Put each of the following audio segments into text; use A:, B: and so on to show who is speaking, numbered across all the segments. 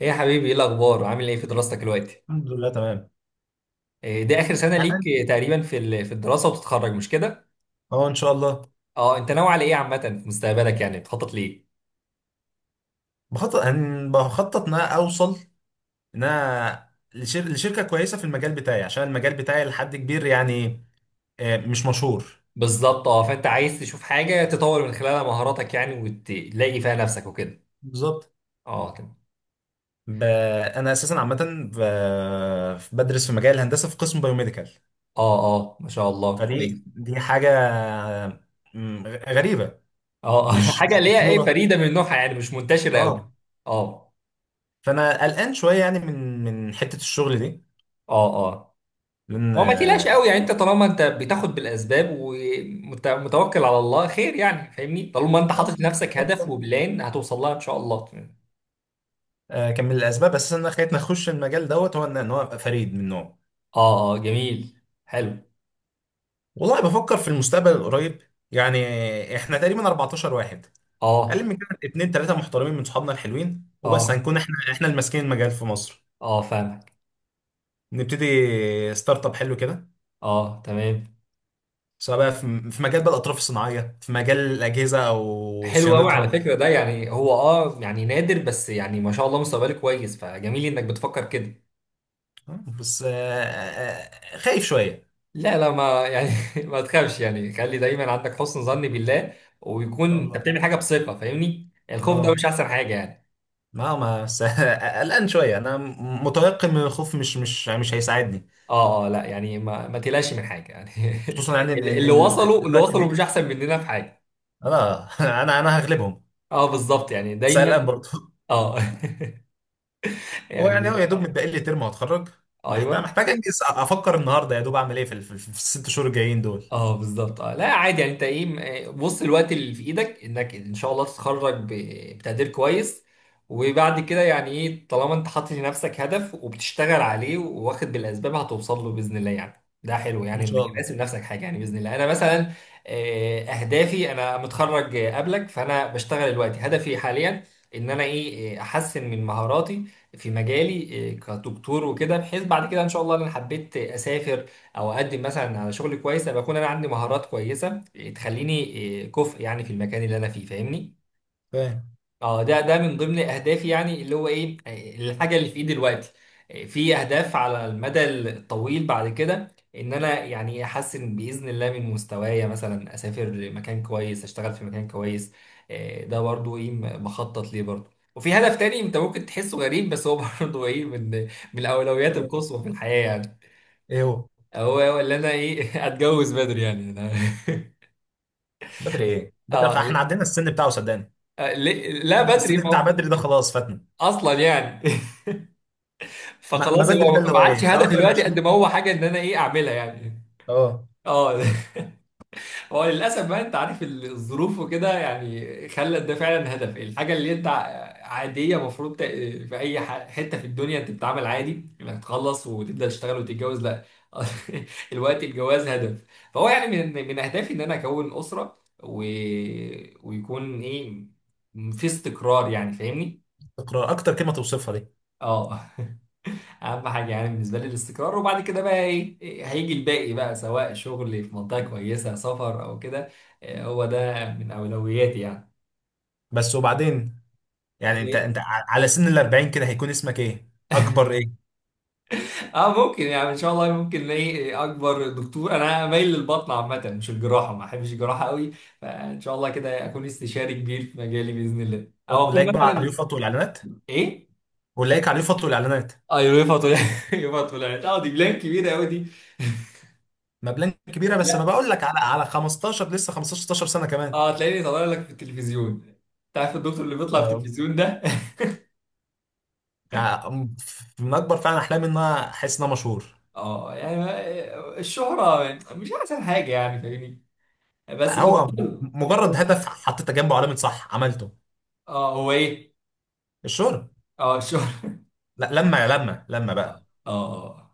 A: ايه يا حبيبي، ايه الاخبار؟ عامل ايه في دراستك دلوقتي؟
B: الحمد لله تمام.
A: إيه دي اخر سنه ليك
B: يعني،
A: تقريبا في الدراسه وبتتخرج، مش كده؟
B: اه ان شاء الله.
A: اه، انت ناوي على ايه عامه في مستقبلك؟ يعني بتخطط ليه؟
B: بخطط ان انا اوصل، ان انا لشركه كويسه في المجال بتاعي، عشان المجال بتاعي لحد كبير يعني، مش مشهور.
A: بالظبط، اه. فانت عايز تشوف حاجه تطور من خلالها مهاراتك يعني، وتلاقي فيها نفسك وكده.
B: بالظبط.
A: اه تمام.
B: ب... انا اساسا عامه، ب... بدرس في مجال الهندسه في قسم بايوميديكال.
A: اه ما شاء الله، كويس.
B: فدي دي حاجه، غريبه.
A: اه
B: مش مش
A: حاجه اللي هي ايه،
B: مشهوره.
A: فريده من نوعها يعني، مش منتشره قوي.
B: اه.
A: اه
B: فانا قلقان شويه يعني، من من حته الشغل دي،
A: اه هو ما تقلقش
B: لان.
A: قوي يعني. انت طالما انت بتاخد بالاسباب ومتوكل على الله، خير يعني. فاهمني؟ طالما انت
B: اه
A: حاطط لنفسك هدف وبلان، هتوصل لها ان شاء الله.
B: كان من الاسباب اساسا اللي خلتني اخش المجال دوت هو ان هو ابقى فريد من نوعه.
A: اه جميل، حلو.
B: والله بفكر في المستقبل القريب. يعني احنا تقريبا 14 واحد، اقل
A: اه
B: من كده اتنين تلاته محترمين من صحابنا الحلوين، وبس
A: اه
B: هنكون احنا احنا اللي ماسكين المجال في مصر.
A: اه فاهمك.
B: نبتدي ستارت اب حلو كده،
A: اه تمام.
B: سواء بقى في في مجال بقى الاطراف الصناعيه، في مجال الاجهزه او
A: حلو قوي على
B: صيانتها.
A: فكرة ده. يعني هو اه، يعني نادر، بس يعني ما شاء الله مستقبلك كويس، فجميل انك بتفكر كده.
B: بس، خايف شويه.
A: لا لا، ما يعني ما تخافش يعني، خلي دايما عندك حسن ظن بالله. ويكون انت
B: والله،
A: بتعمل حاجة بثقة، فاهمني؟ يعني الخوف ده
B: اه
A: مش احسن حاجة يعني.
B: ما ما بس قلقان شويه انا. متيقن من الخوف، مش هيساعدني.
A: اه لا يعني، ما تقلقش من حاجه يعني.
B: خصوصا يعني ان ان
A: اللي
B: إن
A: وصلوا، اللي
B: الوقت
A: وصلوا مش
B: بيجري.
A: احسن مننا في حاجه.
B: انا انا انا هغلبهم.
A: اه بالظبط، يعني دايما.
B: سألان برضه
A: اه
B: هو يعني
A: يعني
B: هو يا دوب
A: آه،
B: متبقي لي ترم وهتخرج. محتاج
A: ايوه.
B: محتاج انجز، افكر النهارده يا دوب اعمل ايه في الست شهور الجايين دول.
A: اه بالظبط. اه لا عادي يعني. انت ايه بص، الوقت اللي في ايدك انك ان شاء الله تتخرج بتقدير كويس. وبعد كده يعني ايه، طالما انت حاطط لنفسك هدف وبتشتغل عليه واخد بالاسباب، هتوصل له باذن الله. يعني ده حلو،
B: ان
A: يعني انك
B: شاء الله.
A: راسم نفسك حاجه، يعني باذن الله. انا مثلا آه، اهدافي انا متخرج آه، قبلك، فانا بشتغل دلوقتي. هدفي حاليا ان انا ايه آه، احسن من مهاراتي في مجالي آه، كدكتور وكده، بحيث بعد كده ان شاء الله، انا حبيت اسافر او اقدم مثلا على شغل كويس، ابقى اكون انا عندي مهارات كويسه إيه، تخليني إيه، كفء يعني في المكان اللي انا فيه. فاهمني؟
B: فاهم.
A: اه، ده من ضمن اهدافي، يعني اللي هو ايه إيه، الحاجه اللي في ايدي دلوقتي. إيه، في اهداف على المدى الطويل بعد كده، ان انا يعني احسن باذن الله من مستوايا، مثلا اسافر لمكان كويس، اشتغل في مكان كويس. إيه، ده برضو ايه بخطط ليه برضو. وفي هدف تاني انت ممكن تحسه غريب، بس هو برضو ايه من من الاولويات
B: حلو.
A: القصوى في الحياه يعني.
B: ايه هو؟
A: هو هو اللي انا ايه اتجوز بدري، يعني انا
B: بدري؟ ايه بدري؟
A: اه.
B: احنا عدينا السن بتاعه، صدقني.
A: لا بدري،
B: السن
A: ما
B: بتاع
A: هو-
B: بدري ده خلاص فاتنا.
A: اصلا يعني
B: ما, ما
A: فخلاص،
B: بدري ده
A: هو
B: اللي
A: ما
B: هو ايه
A: عادش
B: في
A: هدفي
B: اواخر
A: دلوقتي قد
B: العشرين.
A: ما هو حاجه ان انا ايه اعملها يعني.
B: اه.
A: اه هو للاسف بقى، انت عارف الظروف وكده يعني، خلت ده فعلا هدف. الحاجه اللي انت عاديه المفروض في اي حته في الدنيا انت بتتعامل عادي، انك تخلص وتبدا تشتغل وتتجوز، لا الوقت الجواز هدف. فهو يعني من اهدافي ان انا اكون اسره و... ويكون ايه في استقرار، يعني فاهمني.
B: اقرا اكتر كلمه توصفها دي.
A: اه، اهم حاجه يعني بالنسبه لي الاستقرار، وبعد كده بقى ايه، إيه هيجي الباقي بقى، سواء شغل في منطقه كويسه، سفر او كده. إيه هو ده من اولوياتي يعني.
B: بس، وبعدين يعني انت
A: إيه،
B: انت على سن ال 40 كده، هيكون اسمك ايه، اكبر ايه؟
A: اه ممكن يعني، ان شاء الله ممكن الاقي. اكبر دكتور، انا مايل للبطن عامه، مش الجراحه، ما احبش الجراحه قوي. فان شاء الله كده اكون استشاري كبير في مجالي باذن الله، او اكون
B: ولايك بقى على
A: مثلا
B: اليوفط والاعلانات،
A: ايه.
B: والاقيك عليه فترة الاعلانات.
A: ايوه طلعت يوفا طلعت. اه دي بلان كبيره قوي دي.
B: مبلغ كبيره، بس ما
A: لا
B: بقول لك على 15، لسه 15 16 سنه كمان.
A: اه، هتلاقيني طالع لك في التلفزيون. تعرف الدكتور اللي بيطلع في
B: أيوة.
A: التلفزيون ده؟
B: يعني، من اكبر فعلا احلامي ان انا احس ان انا مشهور.
A: اه يعني الشهرة مش احسن حاجة، يعني فاهمني؟ بس
B: لا
A: لكن
B: هو مجرد
A: حلو.
B: هدف حطيت جنبه علامه صح، عملته.
A: اه هو ايه؟
B: الشهرة.
A: اه الشهرة.
B: لا، لما بقى.
A: اه اه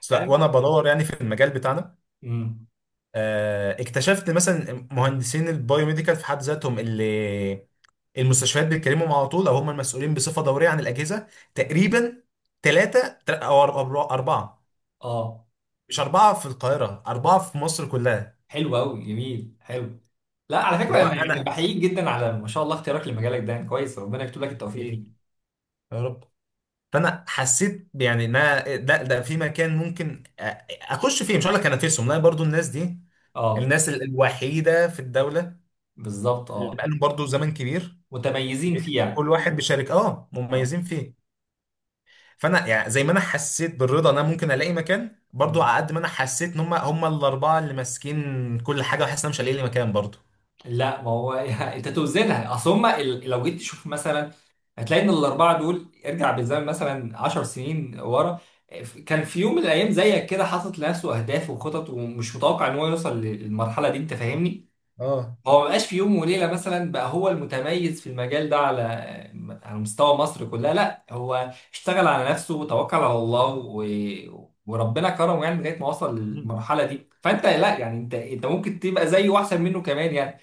B: بس لا،
A: يعني
B: وانا بدور يعني في المجال بتاعنا،
A: امم.
B: اكتشفت مثلا مهندسين البايوميديكال في حد ذاتهم اللي المستشفيات بيتكلموا على طول، او هم المسؤولين بصفه دوريه عن الاجهزه، تقريبا ثلاثه او اربعه.
A: اه
B: مش أربعة في القاهرة، أربعة في مصر كلها.
A: حلو قوي، جميل، حلو. لا على فكرة
B: اللي هو
A: انا يعني
B: أنا.
A: بحييك جدا على ما شاء الله اختيارك لمجالك ده، يعني كويس. ربنا يكتب لك التوفيق
B: ليه؟
A: فيه.
B: يا رب. فأنا حسيت يعني إن أنا ده ده في مكان ممكن أخش فيه، مش هقول لك أنافسهم، لا، برضو الناس دي،
A: اه
B: الناس الوحيدة في الدولة
A: بالظبط.
B: اللي
A: اه
B: بقالهم برضو زمن كبير،
A: متميزين فيه يعني.
B: كل واحد بيشارك
A: اه
B: مميزين فيه. فأنا يعني زي ما أنا حسيت بالرضا إن أنا ممكن ألاقي مكان برضو، على
A: مم.
B: قد ما أنا حسيت إن هم هم الأربعة اللي ماسكين كل حاجة، وحاسس إن أنا مش هلاقي لي مكان برضو.
A: لا ما هو يعني انت توزنها. اصل هم لو جيت تشوف مثلا، هتلاقي ان الاربعه دول ارجع بالزمن مثلا 10 سنين ورا، كان في يوم من الايام زيك كده حاطط لنفسه اهداف وخطط، ومش متوقع ان هو يوصل للمرحله دي. انت فاهمني؟
B: اه.
A: هو ما بقاش في يوم وليله مثلا بقى هو المتميز في المجال ده على على مستوى مصر كلها. لا، هو اشتغل على نفسه وتوكل على الله و... وربنا كرمه يعني، لغايه ما وصل
B: مم.
A: للمرحله دي. فانت لا يعني، انت ممكن تبقى زيه واحسن منه كمان يعني.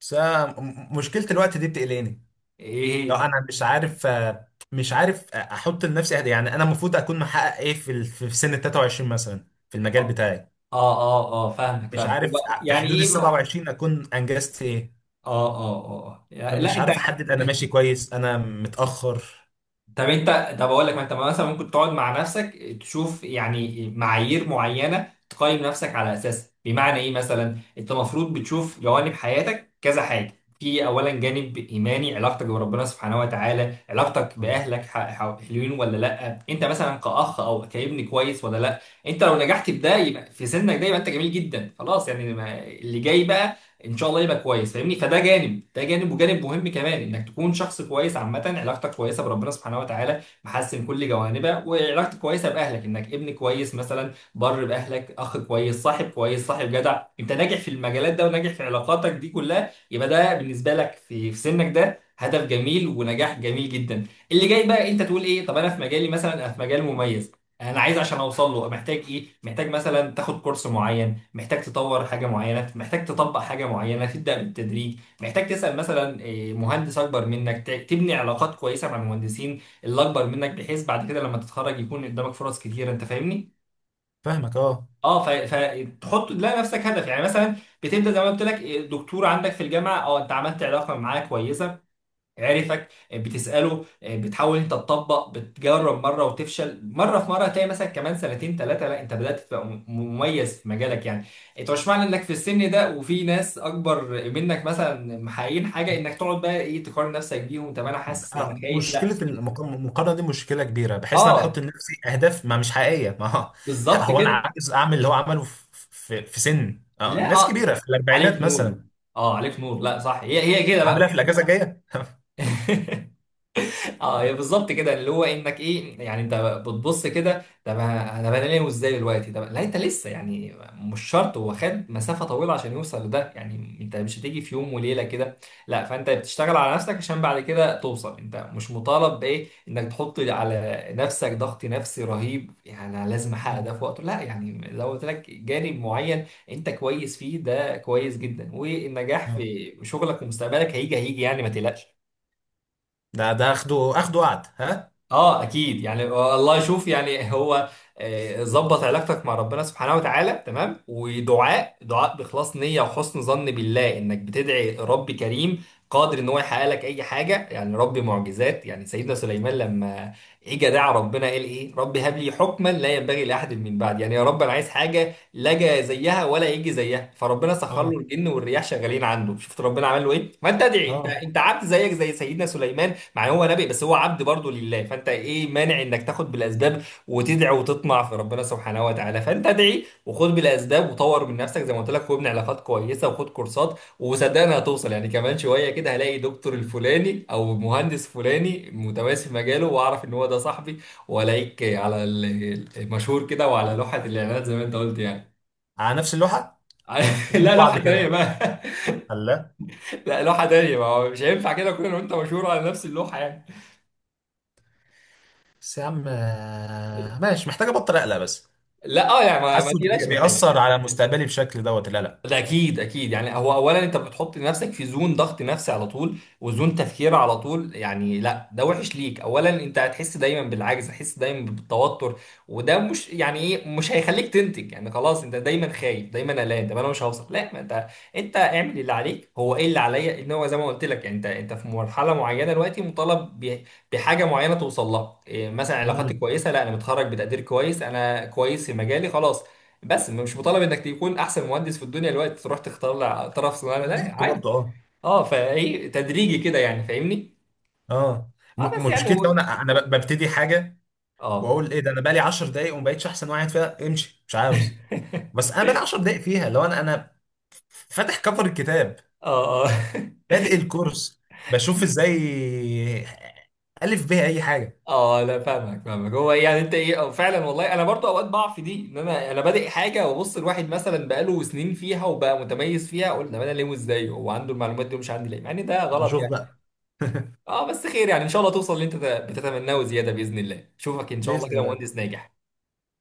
B: بس أنا مشكلة الوقت دي بتقلقني.
A: ايه
B: لا انا مش عارف، مش عارف، احط لنفسي أهداف. يعني انا المفروض اكون محقق ايه في سن ال 23 مثلا في المجال
A: اه
B: بتاعي.
A: اه اه آه، فاهمك
B: مش
A: فاهمك.
B: عارف
A: هو
B: في
A: يعني
B: حدود ال
A: ايه بقى؟ اه
B: 27 اكون انجزت ايه.
A: اه اه يعني لا
B: فمش
A: انت.
B: عارف احدد انا ماشي كويس، انا متاخر.
A: طب انت، طب اقول لك. ما انت مثلا ممكن تقعد مع نفسك، تشوف يعني معايير معينه تقيم نفسك على اساسها. بمعنى ايه مثلا، انت المفروض بتشوف جوانب حياتك كذا حاجه. في اولا جانب ايماني، علاقتك بربنا سبحانه وتعالى، علاقتك
B: الله.
A: باهلك حلوين ولا لا. انت مثلا كاخ او كابن كويس ولا لا. انت لو نجحت في ده يبقى في سنك ده، يبقى انت جميل جدا خلاص يعني. اللي جاي بقى ان شاء الله يبقى كويس، فاهمني؟ فده جانب. ده جانب، وجانب مهم كمان انك تكون شخص كويس عامه، علاقتك كويسه بربنا سبحانه وتعالى، محسن كل جوانبها، وعلاقتك كويسه باهلك، انك ابن كويس مثلا، بر باهلك، اخ كويس، صاحب كويس، صاحب جدع. انت ناجح في المجالات ده وناجح في علاقاتك دي كلها، يبقى ده بالنسبه لك في في سنك ده هدف جميل ونجاح جميل جدا. اللي جاي بقى انت تقول ايه، طب انا في مجالي مثلا، انا في مجال مميز، انا عايز عشان اوصل له محتاج ايه؟ محتاج مثلا تاخد كورس معين، محتاج تطور حاجة معينة، محتاج تطبق حاجة معينة تبدأ بالتدريج، محتاج تسأل مثلا إيه، مهندس أكبر منك، تبني علاقات كويسة مع المهندسين اللي أكبر منك، بحيث بعد كده لما تتخرج يكون قدامك فرص كتيرة. أنت فاهمني؟
B: فاهمك. اه،
A: اه فتحط لا نفسك هدف، يعني مثلا بتبدا زي ما قلت لك إيه، دكتور عندك في الجامعه. اه انت عملت علاقه معاه كويسه، عرفك آه، بتسأله آه، بتحاول انت تطبق، بتجرب مرة وتفشل مرة، في مرة تلاقي مثلا كمان سنتين ثلاثة لا انت بدأت تبقى مميز في مجالك يعني. انت مش معنى انك في السن ده وفي ناس اكبر منك مثلا محققين حاجة، انك تقعد بقى ايه، تقارن نفسك بيهم. طب انا حاسس انا خايف، لا.
B: مشكله المقارنه دي مشكله كبيره، بحيث ان انا بحط
A: اه
B: لنفسي اهداف ما مش حقيقيه. ما هو
A: بالظبط
B: هو انا
A: كده.
B: عايز اعمل اللي هو عمله في سن،
A: لا
B: ناس
A: اه
B: كبيره في
A: عليك
B: الاربعينات
A: نور.
B: مثلا،
A: اه عليك نور، لا صح هي هي كده
B: عاملها
A: بقى.
B: في الاجازه الجايه
A: اه هي بالظبط كده، اللي هو انك ايه يعني. انت بتبص كده، طب انا بنام ازاي دلوقتي؟ طب لا، انت لسه يعني مش شرط. هو خد مسافه طويله عشان يوصل لده، يعني انت مش هتيجي في يوم وليله كده لا. فانت بتشتغل على نفسك عشان بعد كده توصل. انت مش مطالب بايه، انك تحط على نفسك ضغط نفسي رهيب يعني، أنا لازم احقق
B: مم.
A: ده في وقته، لا يعني. لو قلت لك جانب معين انت كويس فيه، ده كويس جدا، والنجاح
B: آه.
A: في شغلك ومستقبلك هيجي هيجي يعني، ما تقلقش.
B: ده ده اخده اخده قعد ها.
A: اه اكيد يعني آه، الله يشوف يعني هو آه، ظبط علاقتك مع ربنا سبحانه وتعالى تمام، ودعاء بإخلاص نية وحسن ظن بالله، انك بتدعي رب كريم قادر ان هو يحقق لك اي حاجة، يعني رب معجزات. يعني سيدنا سليمان لما اجى دعا ربنا، قال ايه؟ رب هب لي حكما لا ينبغي لاحد من بعد، يعني يا رب انا عايز حاجة لا جا زيها ولا يجي زيها. فربنا سخر
B: اه
A: له الجن والرياح شغالين عنده. شفت ربنا عمل له ايه؟ ما انت ادعي، انت
B: اه.
A: انت عبد زيك زي سيدنا سليمان. مع إن هو نبي بس هو عبد برضه لله. فانت ايه مانع انك تاخد بالاسباب وتدعي وتطمع في ربنا سبحانه وتعالى؟ فانت ادعي وخد بالاسباب وطور من نفسك زي ما قلت لك، وابني علاقات كويسه، وخد كورسات، وصدقني هتوصل يعني. كمان شويه كده هلاقي دكتور الفلاني او مهندس فلاني متميز في مجاله، واعرف ان هو ده صاحبي، والاقيك على المشهور كده وعلى لوحه الاعلانات زي ما انت قلت يعني.
B: على نفس اللوحه، جنب
A: لا
B: بعض
A: لوحه تانيه
B: كده.
A: بقى.
B: الله.
A: لا لوحه تانيه، ما هو مش هينفع كده كلنا وانت مشهور على نفس اللوحه يعني.
B: بس يا عم، ماشي، محتاج ابطل اقلق بس.
A: لا اه يعني، ما
B: حاسه
A: تقلقش من حاجه.
B: بيأثر على مستقبلي بشكل دوت القلق.
A: ده اكيد اكيد يعني. هو اولا انت بتحط نفسك في زون ضغط نفسي على طول، وزون تفكير على طول يعني، لا ده وحش ليك. اولا انت هتحس دايما بالعجز، هتحس دايما بالتوتر، وده مش يعني ايه، مش هيخليك تنتج يعني. خلاص انت دايما خايف، دايما قلقان، طب انا مش هوصل، لا. ما انت، انت اعمل اللي عليك. هو ايه اللي عليا؟ ان هو زي ما قلت لك يعني، انت في مرحله معينه دلوقتي مطالب بحاجه معينه توصل لها إيه، مثلا علاقاتي
B: امم.
A: كويسه، لا انا متخرج بتقدير كويس، انا كويس في مجالي، خلاص. بس مش مطالب انك تكون احسن مهندس في الدنيا الوقت تروح تختار طرف صناعه، لا
B: بالظبط
A: عادي.
B: برضه. اه،
A: اه فايه تدريجي كده يعني، فاهمني.
B: اه
A: اه بس يعني
B: مشكلتي، لو
A: هو-
B: انا انا ببتدي حاجه
A: اه
B: واقول ايه ده، انا بقالي 10 دقايق وما بقتش احسن واحد فيها، امشي مش عاوز. بس انا بقالي 10 دقايق فيها، لو انا انا فاتح كفر الكتاب،
A: اه
B: بادئ الكورس، بشوف ازاي الف بيها اي حاجه.
A: اه لا فاهمك فاهمك. هو يعني انت ايه آه، فعلا والله انا برضو اوقات بقع في دي، ان انا بادئ حاجه، وابص الواحد مثلا بقاله سنين فيها وبقى متميز فيها، اقول طب انا ليه، وازاي هو عنده المعلومات دي ومش عندي ليه، مع ان ده
B: طب
A: غلط
B: اشوف
A: يعني.
B: بقى
A: اه بس خير يعني، ان شاء الله توصل اللي انت بتتمناه وزياده باذن الله. اشوفك ان شاء الله
B: باذن
A: كده
B: الله.
A: مهندس ناجح.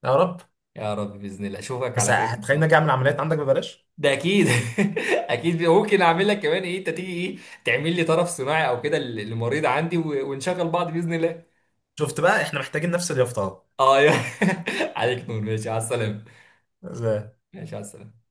B: يا رب.
A: يا رب باذن الله اشوفك
B: بس
A: على خير ان شاء
B: هتخليني
A: الله.
B: اجي اعمل عمليات عندك ببلاش.
A: ده اكيد. اكيد ممكن اعمل لك كمان ايه، انت تيجي ايه، تعمل لي طرف صناعي او كده للمريض عندي، ونشغل بعض باذن الله.
B: شفت بقى احنا محتاجين نفس اليافطه.
A: اه يا عليك نور، ماشي على السلامه. ماشي على السلامه.